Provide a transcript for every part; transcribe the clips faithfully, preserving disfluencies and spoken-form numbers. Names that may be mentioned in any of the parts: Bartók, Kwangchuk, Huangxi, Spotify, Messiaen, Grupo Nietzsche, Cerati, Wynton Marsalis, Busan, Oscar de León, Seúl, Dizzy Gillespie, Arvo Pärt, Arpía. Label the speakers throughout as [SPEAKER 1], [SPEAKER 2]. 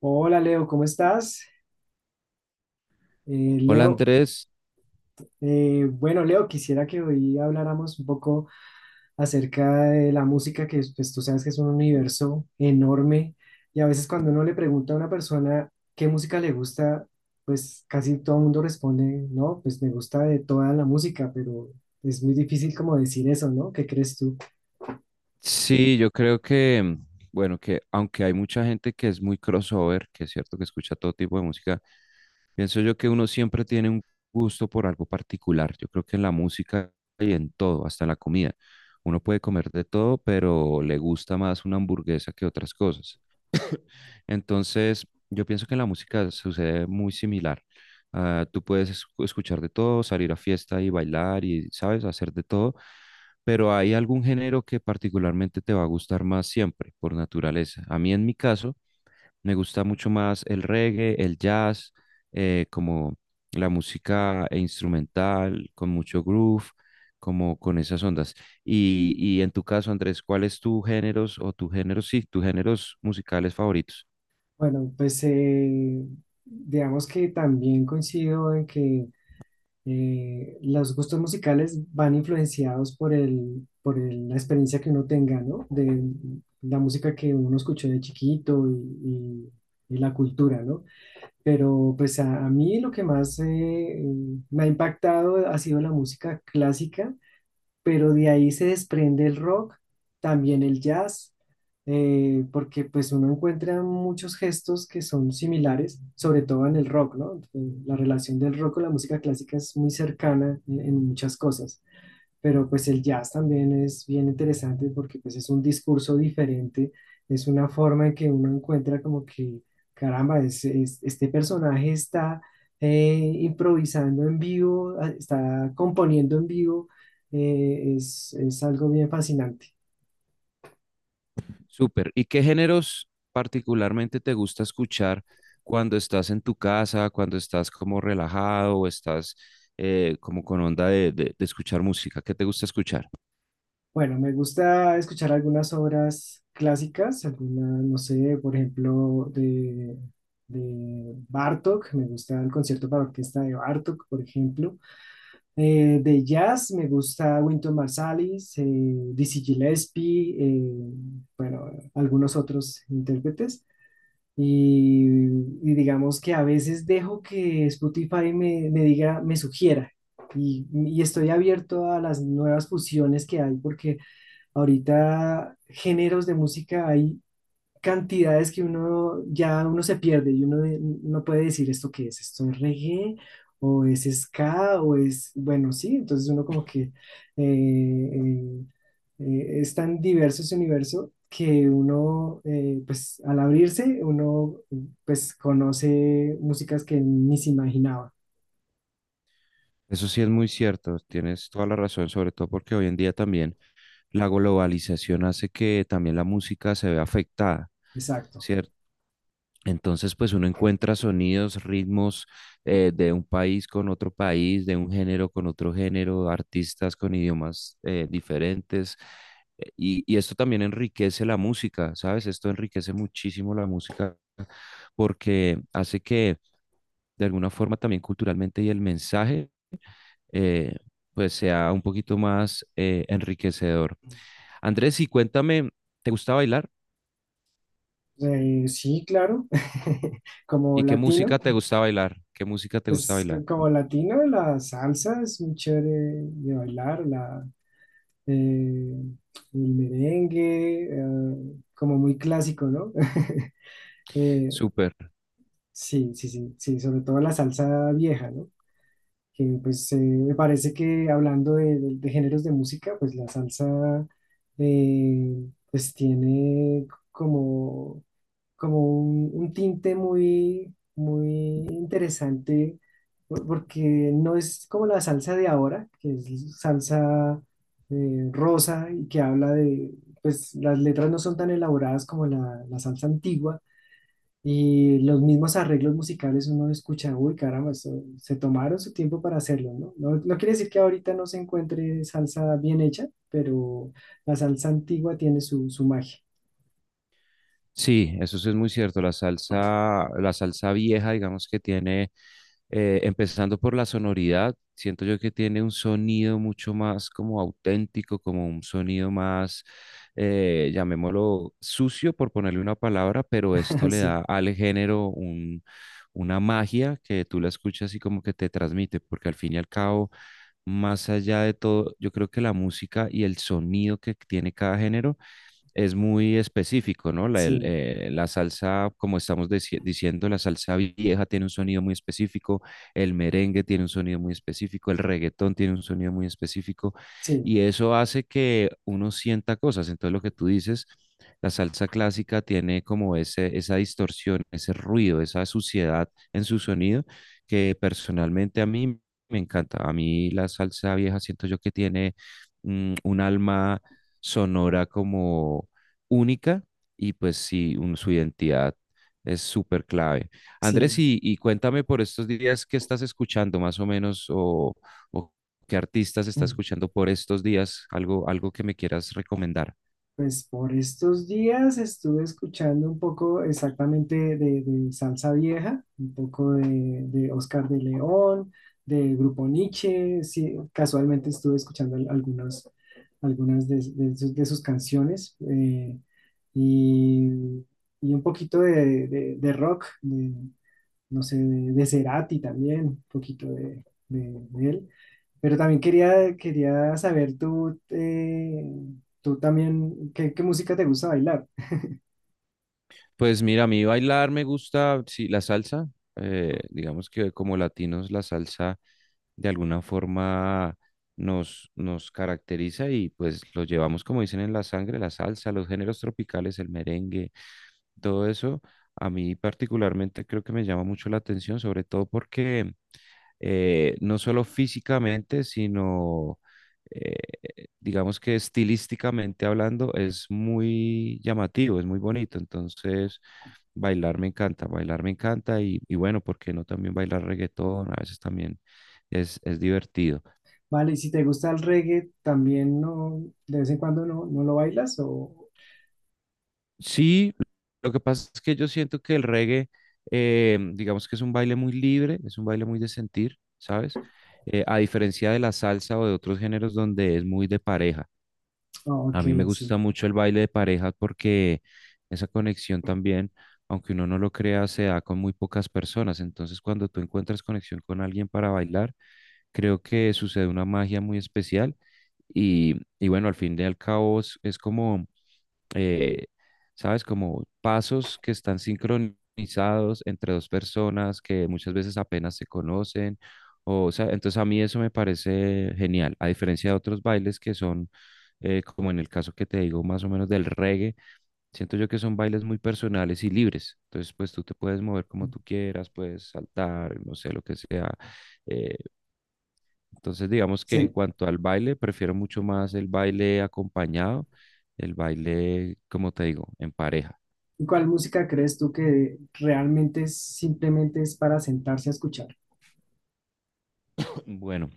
[SPEAKER 1] Hola Leo, ¿cómo estás? Eh,
[SPEAKER 2] Hola
[SPEAKER 1] Leo,
[SPEAKER 2] Andrés,
[SPEAKER 1] eh, bueno Leo, quisiera que hoy habláramos un poco acerca de la música, que pues tú sabes que es un universo enorme y a veces cuando uno le pregunta a una persona qué música le gusta, pues casi todo el mundo responde, no, pues me gusta de toda la música, pero es muy difícil como decir eso, ¿no? ¿Qué crees tú?
[SPEAKER 2] sí, yo creo que, mm, bueno, que aunque hay mucha gente que es muy crossover, que es cierto que escucha todo tipo de música, pienso yo que uno siempre tiene un gusto por algo particular. Yo creo que en la música y en todo, hasta en la comida, uno puede comer de todo, pero le gusta más una hamburguesa que otras cosas. Entonces, yo pienso que en la música sucede muy similar. Ah, tú puedes escu- escuchar de todo, salir a fiesta y bailar y, ¿sabes?, hacer de todo, pero hay algún género que particularmente te va a gustar más siempre, por naturaleza. A mí, en mi caso, me gusta mucho más el reggae, el jazz, eh, como la música instrumental, con mucho groove, como con esas ondas. Y, y en tu caso, Andrés, ¿cuál es tu géneros o tus géneros, sí, tus géneros musicales favoritos?
[SPEAKER 1] Bueno, pues eh, digamos que también coincido en que eh, los gustos musicales van influenciados por el, por el- la experiencia que uno tenga, ¿no? De la música que uno escuchó de chiquito y, y- y la cultura, ¿no? Pero pues a, a mí lo que más eh, me ha impactado ha sido la música clásica, pero de ahí se desprende el rock, también el jazz, eh, porque pues uno encuentra muchos gestos que son similares, sobre todo en el rock, ¿no? Eh, La relación del rock con la música clásica es muy cercana en en muchas cosas, pero pues el jazz también es bien interesante porque pues es un discurso diferente, es una forma en que uno encuentra como que, caramba, es- es- este personaje está eh, improvisando en vivo, a- está componiendo en vivo. eh, es, es algo bien fascinante.
[SPEAKER 2] Súper. ¿Y qué géneros particularmente te gusta escuchar cuando estás en tu casa, cuando estás como relajado o estás eh, como con onda de, de- de escuchar música? ¿Qué te gusta escuchar?
[SPEAKER 1] Bueno, me gusta escuchar algunas obras clásicas, algunas, no sé, por ejemplo, de, de Bartók, me gusta el concierto para orquesta de Bartók, por ejemplo. Eh, de jazz me gusta Wynton Marsalis, eh, Dizzy Gillespie, eh, bueno, algunos otros intérpretes. Y, y digamos que a veces dejo que Spotify me, me diga, me sugiera. Y, y estoy abierto a las nuevas fusiones que hay, porque ahorita géneros de música hay cantidades que uno ya uno se pierde y uno de- no puede decir esto qué es, esto es reggae o es ska o es, bueno, sí, entonces uno como que eh, eh, eh, es tan diverso ese universo que uno, eh, pues al abrirse, uno pues conoce músicas que ni se imaginaba.
[SPEAKER 2] Eso sí es muy cierto, tienes toda la razón, sobre todo porque hoy en día también la globalización hace que también la música se vea afectada,
[SPEAKER 1] Exacto.
[SPEAKER 2] ¿cierto? Entonces, pues uno encuentra sonidos, ritmos eh, de un país con otro país, de un género con otro género, artistas con idiomas eh, diferentes. eh, Y, y esto también enriquece la música, ¿sabes? Esto enriquece muchísimo la música porque hace que de alguna forma también culturalmente y el mensaje eh, pues sea un poquito más eh, enriquecedor. Andrés, y cuéntame, ¿te gusta bailar?
[SPEAKER 1] Eh, sí, claro, como
[SPEAKER 2] ¿Y qué
[SPEAKER 1] latino.
[SPEAKER 2] música te gusta bailar? ¿Qué música te gusta
[SPEAKER 1] Pues
[SPEAKER 2] bailar?
[SPEAKER 1] c- como latino, la salsa es muy chévere de bailar, la, eh, el merengue, eh, como muy clásico, ¿no? Eh,
[SPEAKER 2] Súper.
[SPEAKER 1] sí, sí, sí, sí, sobre todo la salsa vieja, ¿no? Que pues eh, me parece que hablando de, de- de géneros de música, pues la salsa eh, pues tiene como como un, un tinte muy, muy interesante, por- porque no es como la salsa de ahora, que es salsa eh, rosa y que habla de, pues las letras no son tan elaboradas como la, la salsa antigua. Y los mismos arreglos musicales uno escucha, uy, caramba, esto- se tomaron su tiempo para hacerlo, ¿no? No, no quiere decir que ahorita no se encuentre salsa bien hecha, pero la salsa antigua tiene su, su magia.
[SPEAKER 2] Sí, eso sí es muy cierto. La salsa, la salsa vieja, digamos que tiene, eh, empezando por la sonoridad, siento yo que tiene un sonido mucho más como auténtico, como un sonido más, eh, llamémoslo sucio, por ponerle una palabra, pero esto le da
[SPEAKER 1] Sí,
[SPEAKER 2] al género un, una magia que tú la escuchas y como que te transmite, porque al fin y al cabo, más allá de todo, yo creo que la música y el sonido que tiene cada género es muy específico, ¿no? La, el,
[SPEAKER 1] sí,
[SPEAKER 2] eh, la salsa, como estamos deci- diciendo, la salsa vieja tiene un sonido muy específico, el merengue tiene un sonido muy específico, el reggaetón tiene un sonido muy específico,
[SPEAKER 1] sí,
[SPEAKER 2] y eso hace que uno sienta cosas. Entonces, lo que tú dices, la salsa clásica tiene como ese, esa distorsión, ese ruido, esa suciedad en su sonido, que personalmente a mí me encanta. A mí la salsa vieja siento yo que tiene mm, un alma sonora como única y pues sí, un- su identidad es súper clave. Andrés,
[SPEAKER 1] sí.
[SPEAKER 2] y, y cuéntame por estos días qué estás escuchando más o menos o, o qué artistas estás escuchando por estos días, algo, algo que me quieras recomendar.
[SPEAKER 1] Pues por estos días estuve escuchando un poco exactamente de, de salsa vieja, un poco de, de Oscar de León, de Grupo Nietzsche, sí, casualmente estuve escuchando al- algunas, algunas de, de sus, de sus canciones eh, y, y un poquito de, de- de rock. No sé, de, de Cerati también, un poquito de, de- de él. Pero también quería, quería saber tú, eh, tú también, ¿qué, qué música te gusta bailar?
[SPEAKER 2] Pues mira, a mí bailar me gusta, sí, la salsa, eh, digamos que como latinos la salsa de alguna forma nos, nos caracteriza y pues lo llevamos como dicen en la sangre, la salsa, los géneros tropicales, el merengue, todo eso a mí particularmente creo que me llama mucho la atención, sobre todo porque eh, no solo físicamente, sino eh, digamos que estilísticamente hablando es muy llamativo, es muy bonito. Entonces, bailar me encanta, bailar me encanta y, y bueno, ¿por qué no también bailar reggaetón? A veces también es, es divertido.
[SPEAKER 1] Vale, y si te gusta el reggae, ¿también no, de vez en cuando no, no lo bailas? O,
[SPEAKER 2] Sí, lo que pasa es que yo siento que el reggae, eh, digamos que es un baile muy libre, es un baile muy de sentir, ¿sabes? Eh, a diferencia de la salsa o de otros géneros donde es muy de pareja.
[SPEAKER 1] oh, ok,
[SPEAKER 2] A mí me
[SPEAKER 1] sí,
[SPEAKER 2] gusta mucho el baile de pareja porque esa conexión también, aunque uno no lo crea, se da con muy pocas personas. Entonces, cuando tú encuentras conexión con alguien para bailar, creo que sucede una magia muy especial. Y, y bueno, al fin y al cabo es es como eh, ¿sabes? Como pasos que están sincronizados entre dos personas que muchas veces apenas se conocen. O, o sea, entonces a mí eso me parece genial, a diferencia de otros bailes que son, eh, como en el caso que te digo, más o menos del reggae, siento yo que son bailes muy personales y libres. Entonces, pues tú te puedes mover como tú quieras, puedes saltar, no sé, lo que sea, eh, entonces, digamos que en
[SPEAKER 1] sí.
[SPEAKER 2] cuanto al baile, prefiero mucho más el baile acompañado, el baile, como te digo, en pareja.
[SPEAKER 1] ¿Y cuál música crees tú que realmente es- simplemente es para sentarse a escuchar?
[SPEAKER 2] Bueno,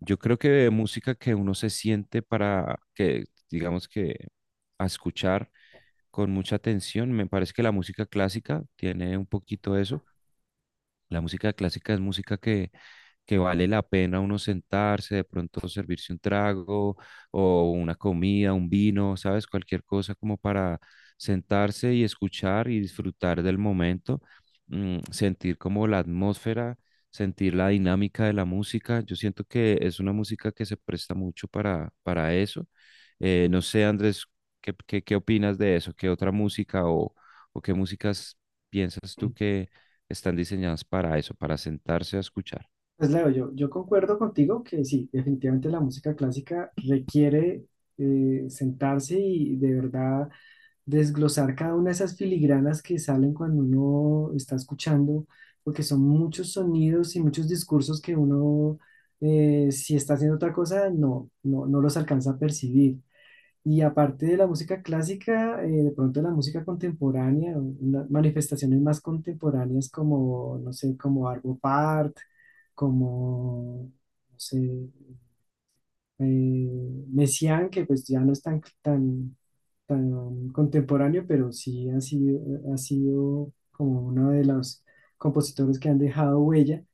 [SPEAKER 2] yo creo que música que uno se siente para que, digamos que, a escuchar con mucha atención, me parece que la música clásica tiene un poquito eso. La música clásica es música que, que vale la pena uno sentarse, de pronto servirse un trago o una comida, un vino, ¿sabes? Cualquier cosa como para sentarse y escuchar y disfrutar del momento, mm, sentir como la atmósfera, sentir la dinámica de la música. Yo siento que es una música que se presta mucho para, para eso. Eh, no sé, Andrés, ¿qué, qué, qué opinas de eso? ¿Qué otra música o, o qué músicas piensas tú que están diseñadas para eso, para sentarse a escuchar?
[SPEAKER 1] Pues Leo, yo, yo concuerdo contigo que sí, definitivamente la música clásica requiere eh, sentarse y de verdad desglosar cada una de esas filigranas que salen cuando uno está escuchando, porque son muchos sonidos y muchos discursos que uno, eh, si está haciendo otra cosa, no, no, no los alcanza a percibir. Y aparte de la música clásica, eh, de pronto la música contemporánea, una- manifestaciones más contemporáneas como, no sé, como Arvo Part, como, no sé, eh, Messiaen, que pues ya no es tan, tan, tan contemporáneo, pero sí ha sido, ha sido como uno de los compositores que han dejado huella.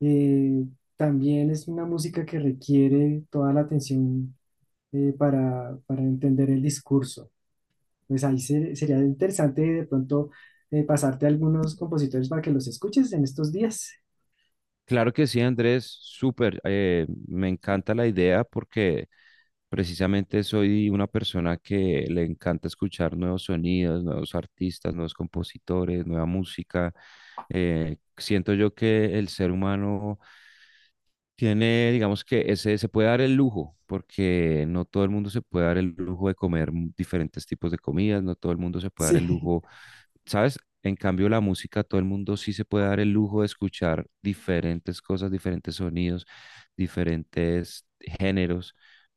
[SPEAKER 1] Eh, también es una música que requiere toda la atención eh, para, para entender el discurso, pues ahí se- sería interesante de pronto eh, pasarte algunos compositores para que los escuches en estos días.
[SPEAKER 2] Claro que sí, Andrés, súper, eh, me encanta la idea porque precisamente soy una persona que le encanta escuchar nuevos sonidos, nuevos artistas, nuevos compositores, nueva música. Eh, siento yo que el ser humano tiene, digamos que ese, se puede dar el lujo, porque no todo el mundo se puede dar el lujo de comer diferentes tipos de comidas, no todo el mundo se puede dar el
[SPEAKER 1] Sí,
[SPEAKER 2] lujo ¿sabes? En cambio, la música, todo el mundo sí se puede dar el lujo de escuchar diferentes cosas, diferentes sonidos, diferentes géneros.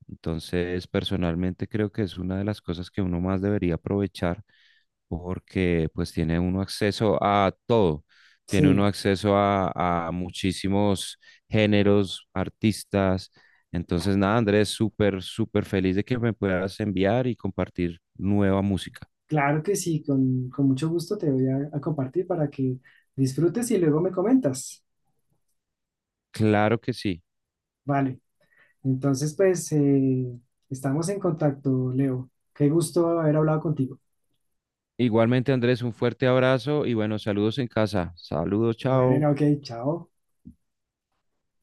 [SPEAKER 2] Entonces, personalmente creo que es una de las cosas que uno más debería aprovechar porque pues tiene uno acceso a todo. Tiene uno
[SPEAKER 1] sí,
[SPEAKER 2] acceso a, a muchísimos géneros, artistas. Entonces, nada, Andrés, súper, súper feliz de que me puedas enviar y compartir nueva música.
[SPEAKER 1] claro que sí, con, con mucho gusto te voy a, a compartir para que disfrutes y luego me comentas.
[SPEAKER 2] Claro que sí.
[SPEAKER 1] Vale, entonces pues eh, estamos en contacto, Leo. Qué gusto haber hablado contigo.
[SPEAKER 2] Igualmente, Andrés, un fuerte abrazo y bueno, saludos en casa. Saludos, chao.
[SPEAKER 1] Bueno, ok, chao.